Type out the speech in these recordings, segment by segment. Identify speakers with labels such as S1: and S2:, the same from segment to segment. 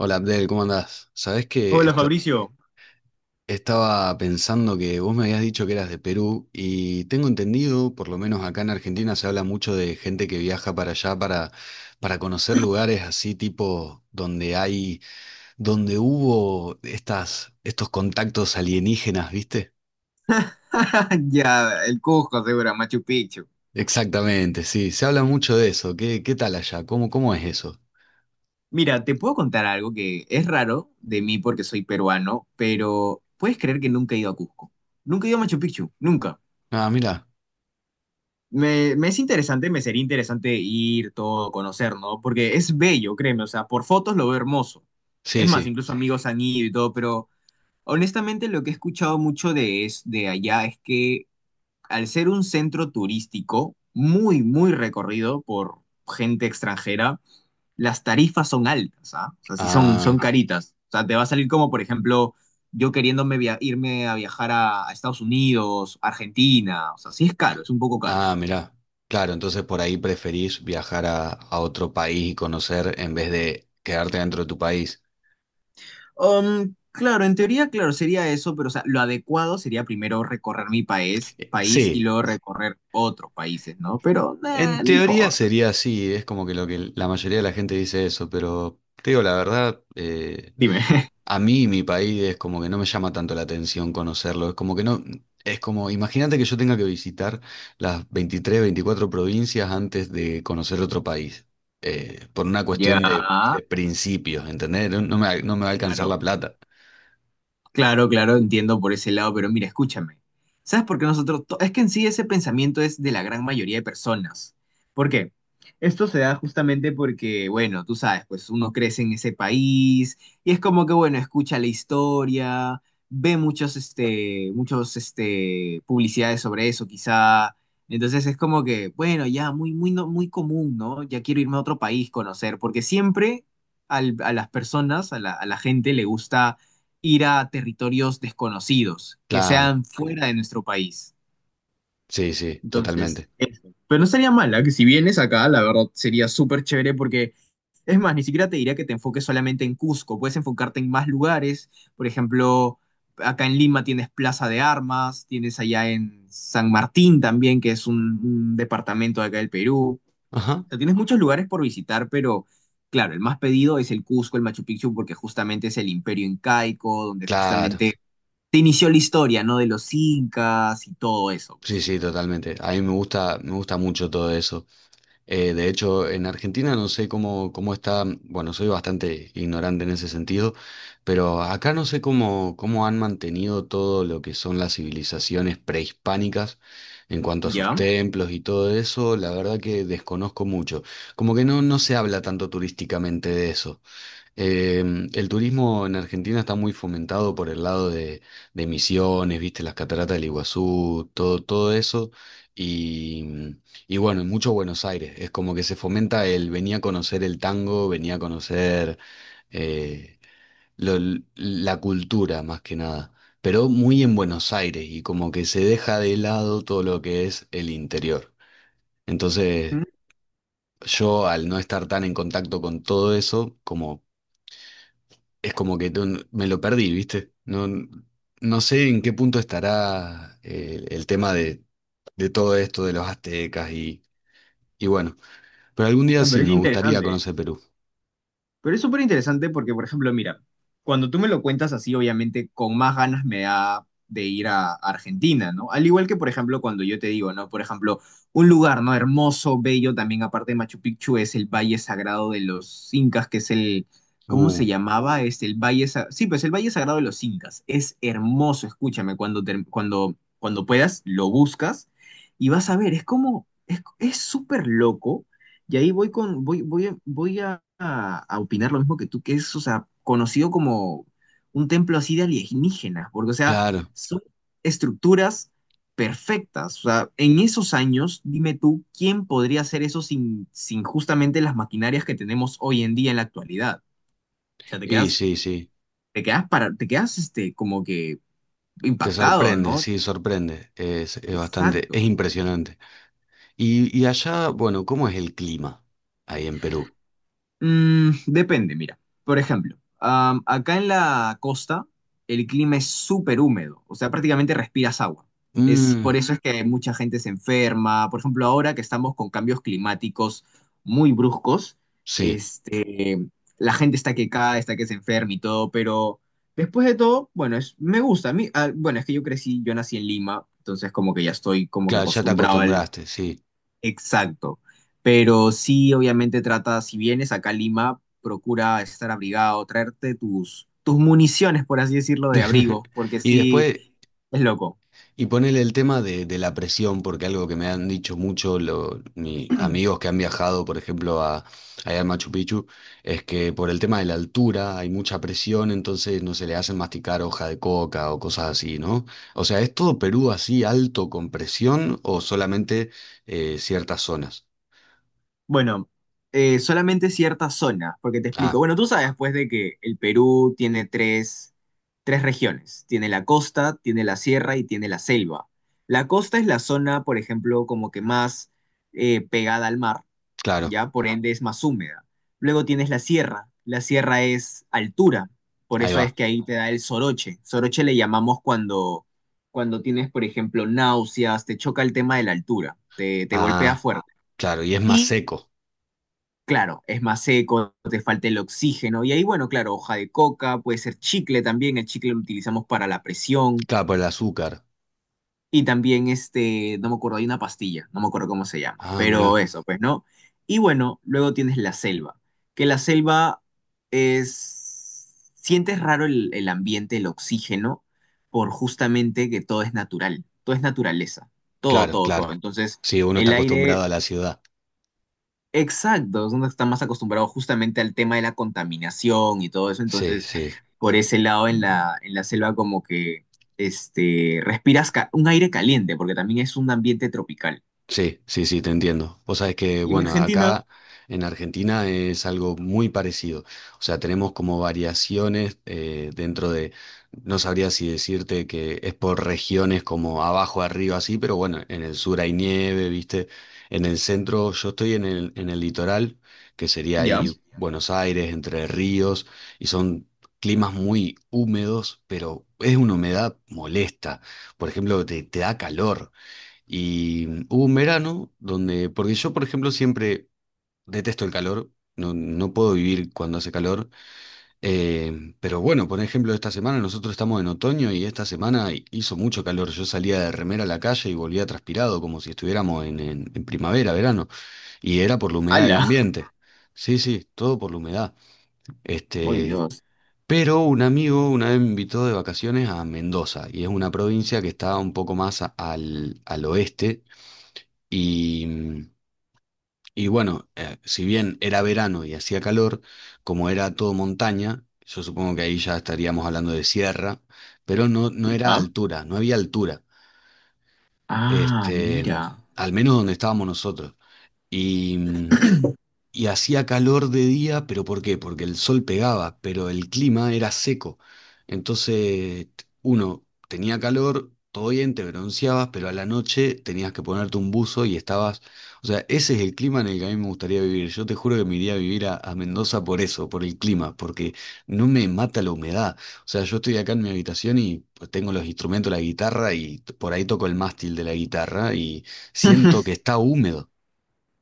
S1: Hola Abdel, ¿cómo andás? Sabés que
S2: Hola Fabricio.
S1: estaba pensando que vos me habías dicho que eras de Perú y tengo entendido, por lo menos acá en Argentina se habla mucho de gente que viaja para allá para conocer lugares así tipo donde donde hubo estos contactos alienígenas, ¿viste?
S2: Ya, el Cusco, seguro, Machu Picchu.
S1: Exactamente, sí, se habla mucho de eso. Qué tal allá? Cómo es eso?
S2: Mira, te puedo contar algo que es raro de mí porque soy peruano, pero puedes creer que nunca he ido a Cusco. Nunca he ido a Machu Picchu, nunca.
S1: Ah, mira,
S2: Me es interesante, me sería interesante ir, todo, conocer, ¿no? Porque es bello, créeme, o sea, por fotos lo veo hermoso.
S1: sí,
S2: Es más,
S1: sí.
S2: incluso amigos han ido y todo, pero honestamente lo que he escuchado mucho de, es, de allá es que al ser un centro turístico muy, muy recorrido por gente extranjera, las tarifas son altas, ¿ah? O sea, sí son, son
S1: Ah,
S2: caritas. O sea, te va a salir como, por ejemplo, yo queriéndome irme a viajar a Estados Unidos, Argentina. O sea, sí es caro, es un poco caro.
S1: ah, mirá. Claro, entonces por ahí preferís viajar a otro país y conocer en vez de quedarte dentro de tu país.
S2: Claro, en teoría, claro, sería eso, pero o sea, lo adecuado sería primero recorrer mi país, país y
S1: Sí,
S2: luego recorrer otros países, ¿no? Pero
S1: en
S2: no
S1: teoría
S2: importa.
S1: sería así, es como que lo que la mayoría de la gente dice eso, pero te digo la verdad,
S2: Dime.
S1: a mí mi país es como que no me llama tanto la atención conocerlo, es como que no, es como, imagínate que yo tenga que visitar las 23, 24 provincias antes de conocer otro país, por una
S2: Ya,
S1: cuestión de principios, ¿entendés? No me va a alcanzar la
S2: claro.
S1: plata.
S2: Claro, claro, entiendo por ese lado, pero mira, escúchame. ¿Sabes por qué nosotros... Es que en sí ese pensamiento es de la gran mayoría de personas. ¿Por qué? Esto se da justamente porque, bueno, tú sabes, pues uno crece en ese país y es como que, bueno, escucha la historia, ve muchos, muchos, publicidades sobre eso, quizá. Entonces es como que, bueno, ya muy, muy, muy común, ¿no? Ya quiero irme a otro país, conocer, porque siempre a las personas, a la gente le gusta ir a territorios desconocidos, que
S1: Claro,
S2: sean fuera de nuestro país.
S1: sí, sí,
S2: Entonces,
S1: totalmente.
S2: eso. Pero no estaría mala que si vienes acá, la verdad sería súper chévere porque, es más, ni siquiera te diría que te enfoques solamente en Cusco, puedes enfocarte en más lugares, por ejemplo, acá en Lima tienes Plaza de Armas, tienes allá en San Martín también, que es un departamento de acá del Perú.
S1: Ajá,
S2: O sea, tienes muchos lugares por visitar, pero claro, el más pedido es el Cusco, el Machu Picchu, porque justamente es el imperio incaico, donde
S1: claro,
S2: justamente se inició la historia, ¿no? De los incas y todo eso,
S1: sí,
S2: pues.
S1: sí, totalmente. A mí me gusta mucho todo eso. De hecho, en Argentina no sé cómo está, bueno, soy bastante ignorante en ese sentido, pero acá no sé cómo han mantenido todo lo que son las civilizaciones prehispánicas en cuanto a sus
S2: ¿Ya?
S1: templos y todo eso. La verdad que desconozco mucho. Como que no, no se habla tanto turísticamente de eso. El turismo en Argentina está muy fomentado por el lado de Misiones, viste, las cataratas del Iguazú, todo, todo eso. Y, y bueno, y mucho Buenos Aires. Es como que se fomenta el venía a conocer el tango, venía a conocer eh, lo- la cultura más que nada. Pero muy en Buenos Aires y como que se deja de lado todo lo que es el interior. Entonces,
S2: Mm,
S1: yo al no estar tan en contacto con todo eso, como es como que me lo perdí, ¿viste? No, no sé en qué punto estará tema de todo esto de los aztecas y bueno, pero algún día
S2: no,
S1: sí
S2: pero es
S1: me gustaría
S2: interesante.
S1: conocer Perú.
S2: Pero es súper interesante porque, por ejemplo, mira, cuando tú me lo cuentas así, obviamente con más ganas me da de ir a Argentina, ¿no? Al igual que, por ejemplo, cuando yo te digo, ¿no? Por ejemplo, un lugar, ¿no? Hermoso, bello, también aparte de Machu Picchu, es el Valle Sagrado de los Incas, que es el, ¿cómo
S1: Uh,
S2: se llamaba? Es el Valle, sí, pues el Valle Sagrado de los Incas. Es hermoso, escúchame, cuando, cuando, cuando puedas, lo buscas y vas a ver, es como, es súper loco y ahí voy con, voy, voy a opinar lo mismo que tú, que es, o sea, conocido como un templo así de alienígenas, porque, o sea,
S1: claro.
S2: son estructuras perfectas. O sea, en esos años, dime tú, ¿quién podría hacer eso sin, sin justamente las maquinarias que tenemos hoy en día en la actualidad? O sea,
S1: Y sí, sí,
S2: te quedas para, te quedas como que
S1: te
S2: impactado,
S1: sorprende,
S2: ¿no?
S1: sí, sorprende. Es bastante, es
S2: Exacto.
S1: impresionante. Y allá, bueno, ¿cómo es el clima ahí en Perú?
S2: Mm, depende, mira. Por ejemplo, acá en la costa el clima es súper húmedo, o sea, prácticamente respiras agua. Es,
S1: Mm,
S2: por eso es que mucha gente se enferma. Por ejemplo, ahora que estamos con cambios climáticos muy bruscos,
S1: sí,
S2: este, la gente está que cae, está que se enferma y todo, pero después de todo, bueno, es, me gusta. A mí, ah, bueno, es que yo crecí, yo nací en Lima, entonces como que ya estoy como que
S1: claro, ya te
S2: acostumbrado.
S1: acostumbraste, sí.
S2: Exacto. Pero sí, obviamente trata, si vienes acá a Lima, procura estar abrigado, traerte tus, tus municiones, por así decirlo, de abrigo, porque
S1: Y
S2: sí,
S1: después,
S2: es loco.
S1: y ponele el tema de la presión, porque algo que me han dicho mucho mis amigos que han viajado, por ejemplo, allá a Machu Picchu, es que por el tema de la altura hay mucha presión, entonces no se le hacen masticar hoja de coca o cosas así, ¿no? O sea, ¿es todo Perú así alto con presión o solamente ciertas zonas?
S2: Bueno, solamente ciertas zonas, porque te
S1: Ah,
S2: explico. Bueno, tú sabes, pues, de que el Perú tiene tres, tres regiones. Tiene la costa, tiene la sierra y tiene la selva. La costa es la zona, por ejemplo, como que más pegada al mar
S1: claro,
S2: ya por ende es más húmeda. Luego tienes la sierra es altura, por
S1: ahí
S2: eso es
S1: va.
S2: que ahí te da el soroche. Soroche le llamamos cuando, cuando tienes, por ejemplo, náuseas, te choca el tema de la altura, te golpea
S1: Ah,
S2: fuerte.
S1: claro, y es más
S2: Y
S1: seco.
S2: claro, es más seco, te falta el oxígeno, y ahí, bueno, claro, hoja de coca, puede ser chicle también, el chicle lo utilizamos para la presión.
S1: Claro, por el azúcar.
S2: Y también, no me acuerdo, hay una pastilla, no me acuerdo cómo se llama,
S1: Ah,
S2: pero
S1: mirá.
S2: eso, pues, ¿no? Y bueno, luego tienes la selva, que la selva es... Sientes raro el ambiente, el oxígeno, por justamente que todo es natural, todo es naturaleza, todo,
S1: Claro,
S2: todo, todo.
S1: claro.
S2: Entonces,
S1: Sí, uno está
S2: el
S1: acostumbrado
S2: aire
S1: a la ciudad.
S2: exacto, es donde están más acostumbrados justamente al tema de la contaminación y todo eso,
S1: Sí,
S2: entonces
S1: sí.
S2: por ese lado en la selva como que respiras un aire caliente, porque también es un ambiente tropical.
S1: Sí, sí, sí, te entiendo. Vos sabés que,
S2: Y en
S1: bueno,
S2: Argentina,
S1: acá en Argentina es algo muy parecido. O sea, tenemos como variaciones dentro de, no sabría si decirte que es por regiones como abajo, arriba, así, pero bueno, en el sur hay nieve, ¿viste? En el centro, yo estoy en el litoral, que sería
S2: ya,
S1: ahí Buenos Aires, Entre Ríos, y son climas muy húmedos, pero es una humedad molesta. Por ejemplo, te da calor. Y hubo un verano donde, porque yo, por ejemplo, siempre detesto el calor, no, no puedo vivir cuando hace calor, pero bueno, por ejemplo, esta semana nosotros estamos en otoño y esta semana hizo mucho calor, yo salía de remera a la calle y volvía transpirado, como si estuviéramos en primavera, verano, y era por la humedad del
S2: hala.
S1: ambiente. Sí, sí, todo por la humedad.
S2: Oh
S1: Este,
S2: Dios,
S1: pero un amigo una vez me invitó de vacaciones a Mendoza, y es una provincia que está un poco más al oeste y, mm, y bueno, si bien era verano y hacía calor, como era todo montaña, yo supongo que ahí ya estaríamos hablando de sierra, pero no, no era
S2: ya.
S1: altura, no había altura,
S2: Ah,
S1: este,
S2: mira,
S1: al menos donde estábamos nosotros. Y, mm, y hacía calor de día, pero ¿por qué? Porque el sol pegaba, pero el clima era seco. Entonces, uno tenía calor, todo bien, te bronceabas, pero a la noche tenías que ponerte un buzo y estabas... O sea, ese es el clima en el que a mí me gustaría vivir. Yo te juro que me iría a vivir a Mendoza por eso, por el clima, porque no me mata la humedad. O sea, yo estoy acá en mi habitación y pues, tengo los instrumentos, la guitarra, y por ahí toco el mástil de la guitarra y siento que está húmedo.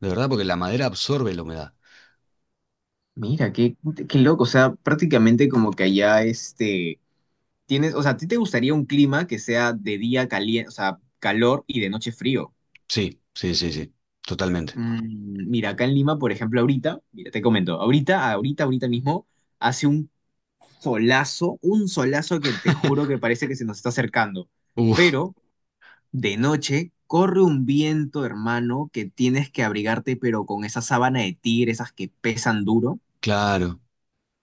S1: De verdad, porque la madera absorbe la humedad.
S2: mira, qué, qué loco, o sea, prácticamente como que allá tienes, o sea, ¿a ti te gustaría un clima que sea de día caliente, o sea, calor y de noche frío?
S1: Sí, sí, sí, sí, totalmente.
S2: Mm, mira, acá en Lima, por ejemplo, ahorita, mira, te comento, ahorita, ahorita, ahorita mismo, hace un solazo que te juro que parece que se nos está acercando.
S1: Uf,
S2: Pero de noche corre un viento, hermano, que tienes que abrigarte, pero con esa sábana de tigre, esas que pesan duro,
S1: claro.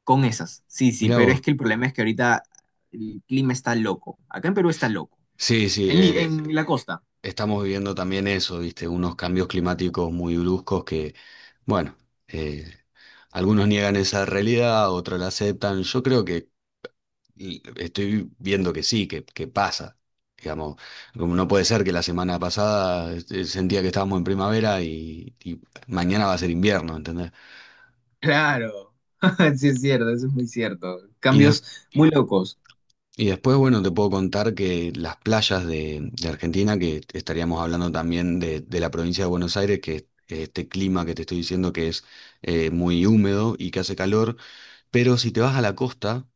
S2: con esas. Sí, sí,
S1: Mirá
S2: pero es
S1: vos.
S2: que el problema es que ahorita el clima está loco. Acá en Perú está loco.
S1: Sí, sí,
S2: En, en la costa.
S1: estamos viviendo también eso, ¿viste? Unos cambios climáticos muy bruscos que, bueno, eh, algunos niegan esa realidad, otros la aceptan. Yo creo que y estoy viendo que sí, que pasa. Digamos, como no puede ser que la semana pasada sentía que estábamos en primavera y mañana va a ser invierno, ¿entendés?
S2: Claro. Sí, es cierto, eso es muy cierto.
S1: Y, des-
S2: Cambios muy locos.
S1: Y después, bueno, te puedo contar que las playas de Argentina, que estaríamos hablando también de la provincia de Buenos Aires, que es este clima que te estoy diciendo que es muy húmedo y que hace calor, pero si te vas a la costa,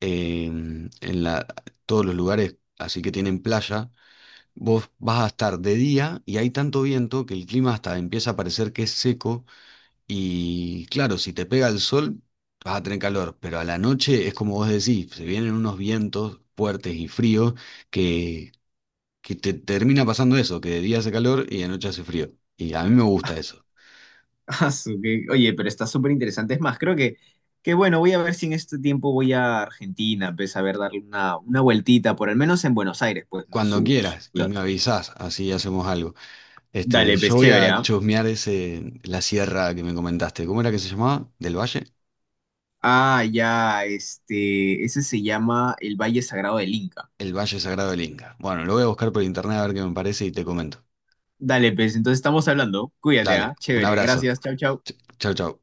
S1: eh, en la, todos los lugares así que tienen playa, vos vas a estar de día y hay tanto viento que el clima hasta empieza a parecer que es seco y claro, si te pega el sol, vas a tener calor, pero a la noche es como vos decís, se vienen unos vientos fuertes y fríos que, que te termina pasando eso, que de día hace calor y de noche hace frío. Y a mí me gusta eso.
S2: Ah, oye, pero está súper interesante. Es más, creo que bueno, voy a ver si en este tiempo voy a Argentina, pues a ver, darle una vueltita, por al menos en Buenos Aires, pues, ¿no?
S1: Cuando
S2: Su
S1: quieras y
S2: ciudad.
S1: me avisás, así hacemos algo. Este,
S2: Dale, pues
S1: yo voy
S2: chévere,
S1: a
S2: ¿ah?
S1: chusmear ese, la sierra que me comentaste. ¿Cómo era que se llamaba? ¿Del Valle?
S2: Ah, ya, este, ese se llama el Valle Sagrado del Inca.
S1: El Valle Sagrado del Inca. Bueno, lo voy a buscar por
S2: Sí.
S1: internet a ver qué me parece y te comento.
S2: Dale, pues, entonces estamos hablando. Cuídate,
S1: Dale,
S2: ¿ah?
S1: un
S2: Chévere,
S1: abrazo.
S2: gracias, chau, chau.
S1: Chau, chau.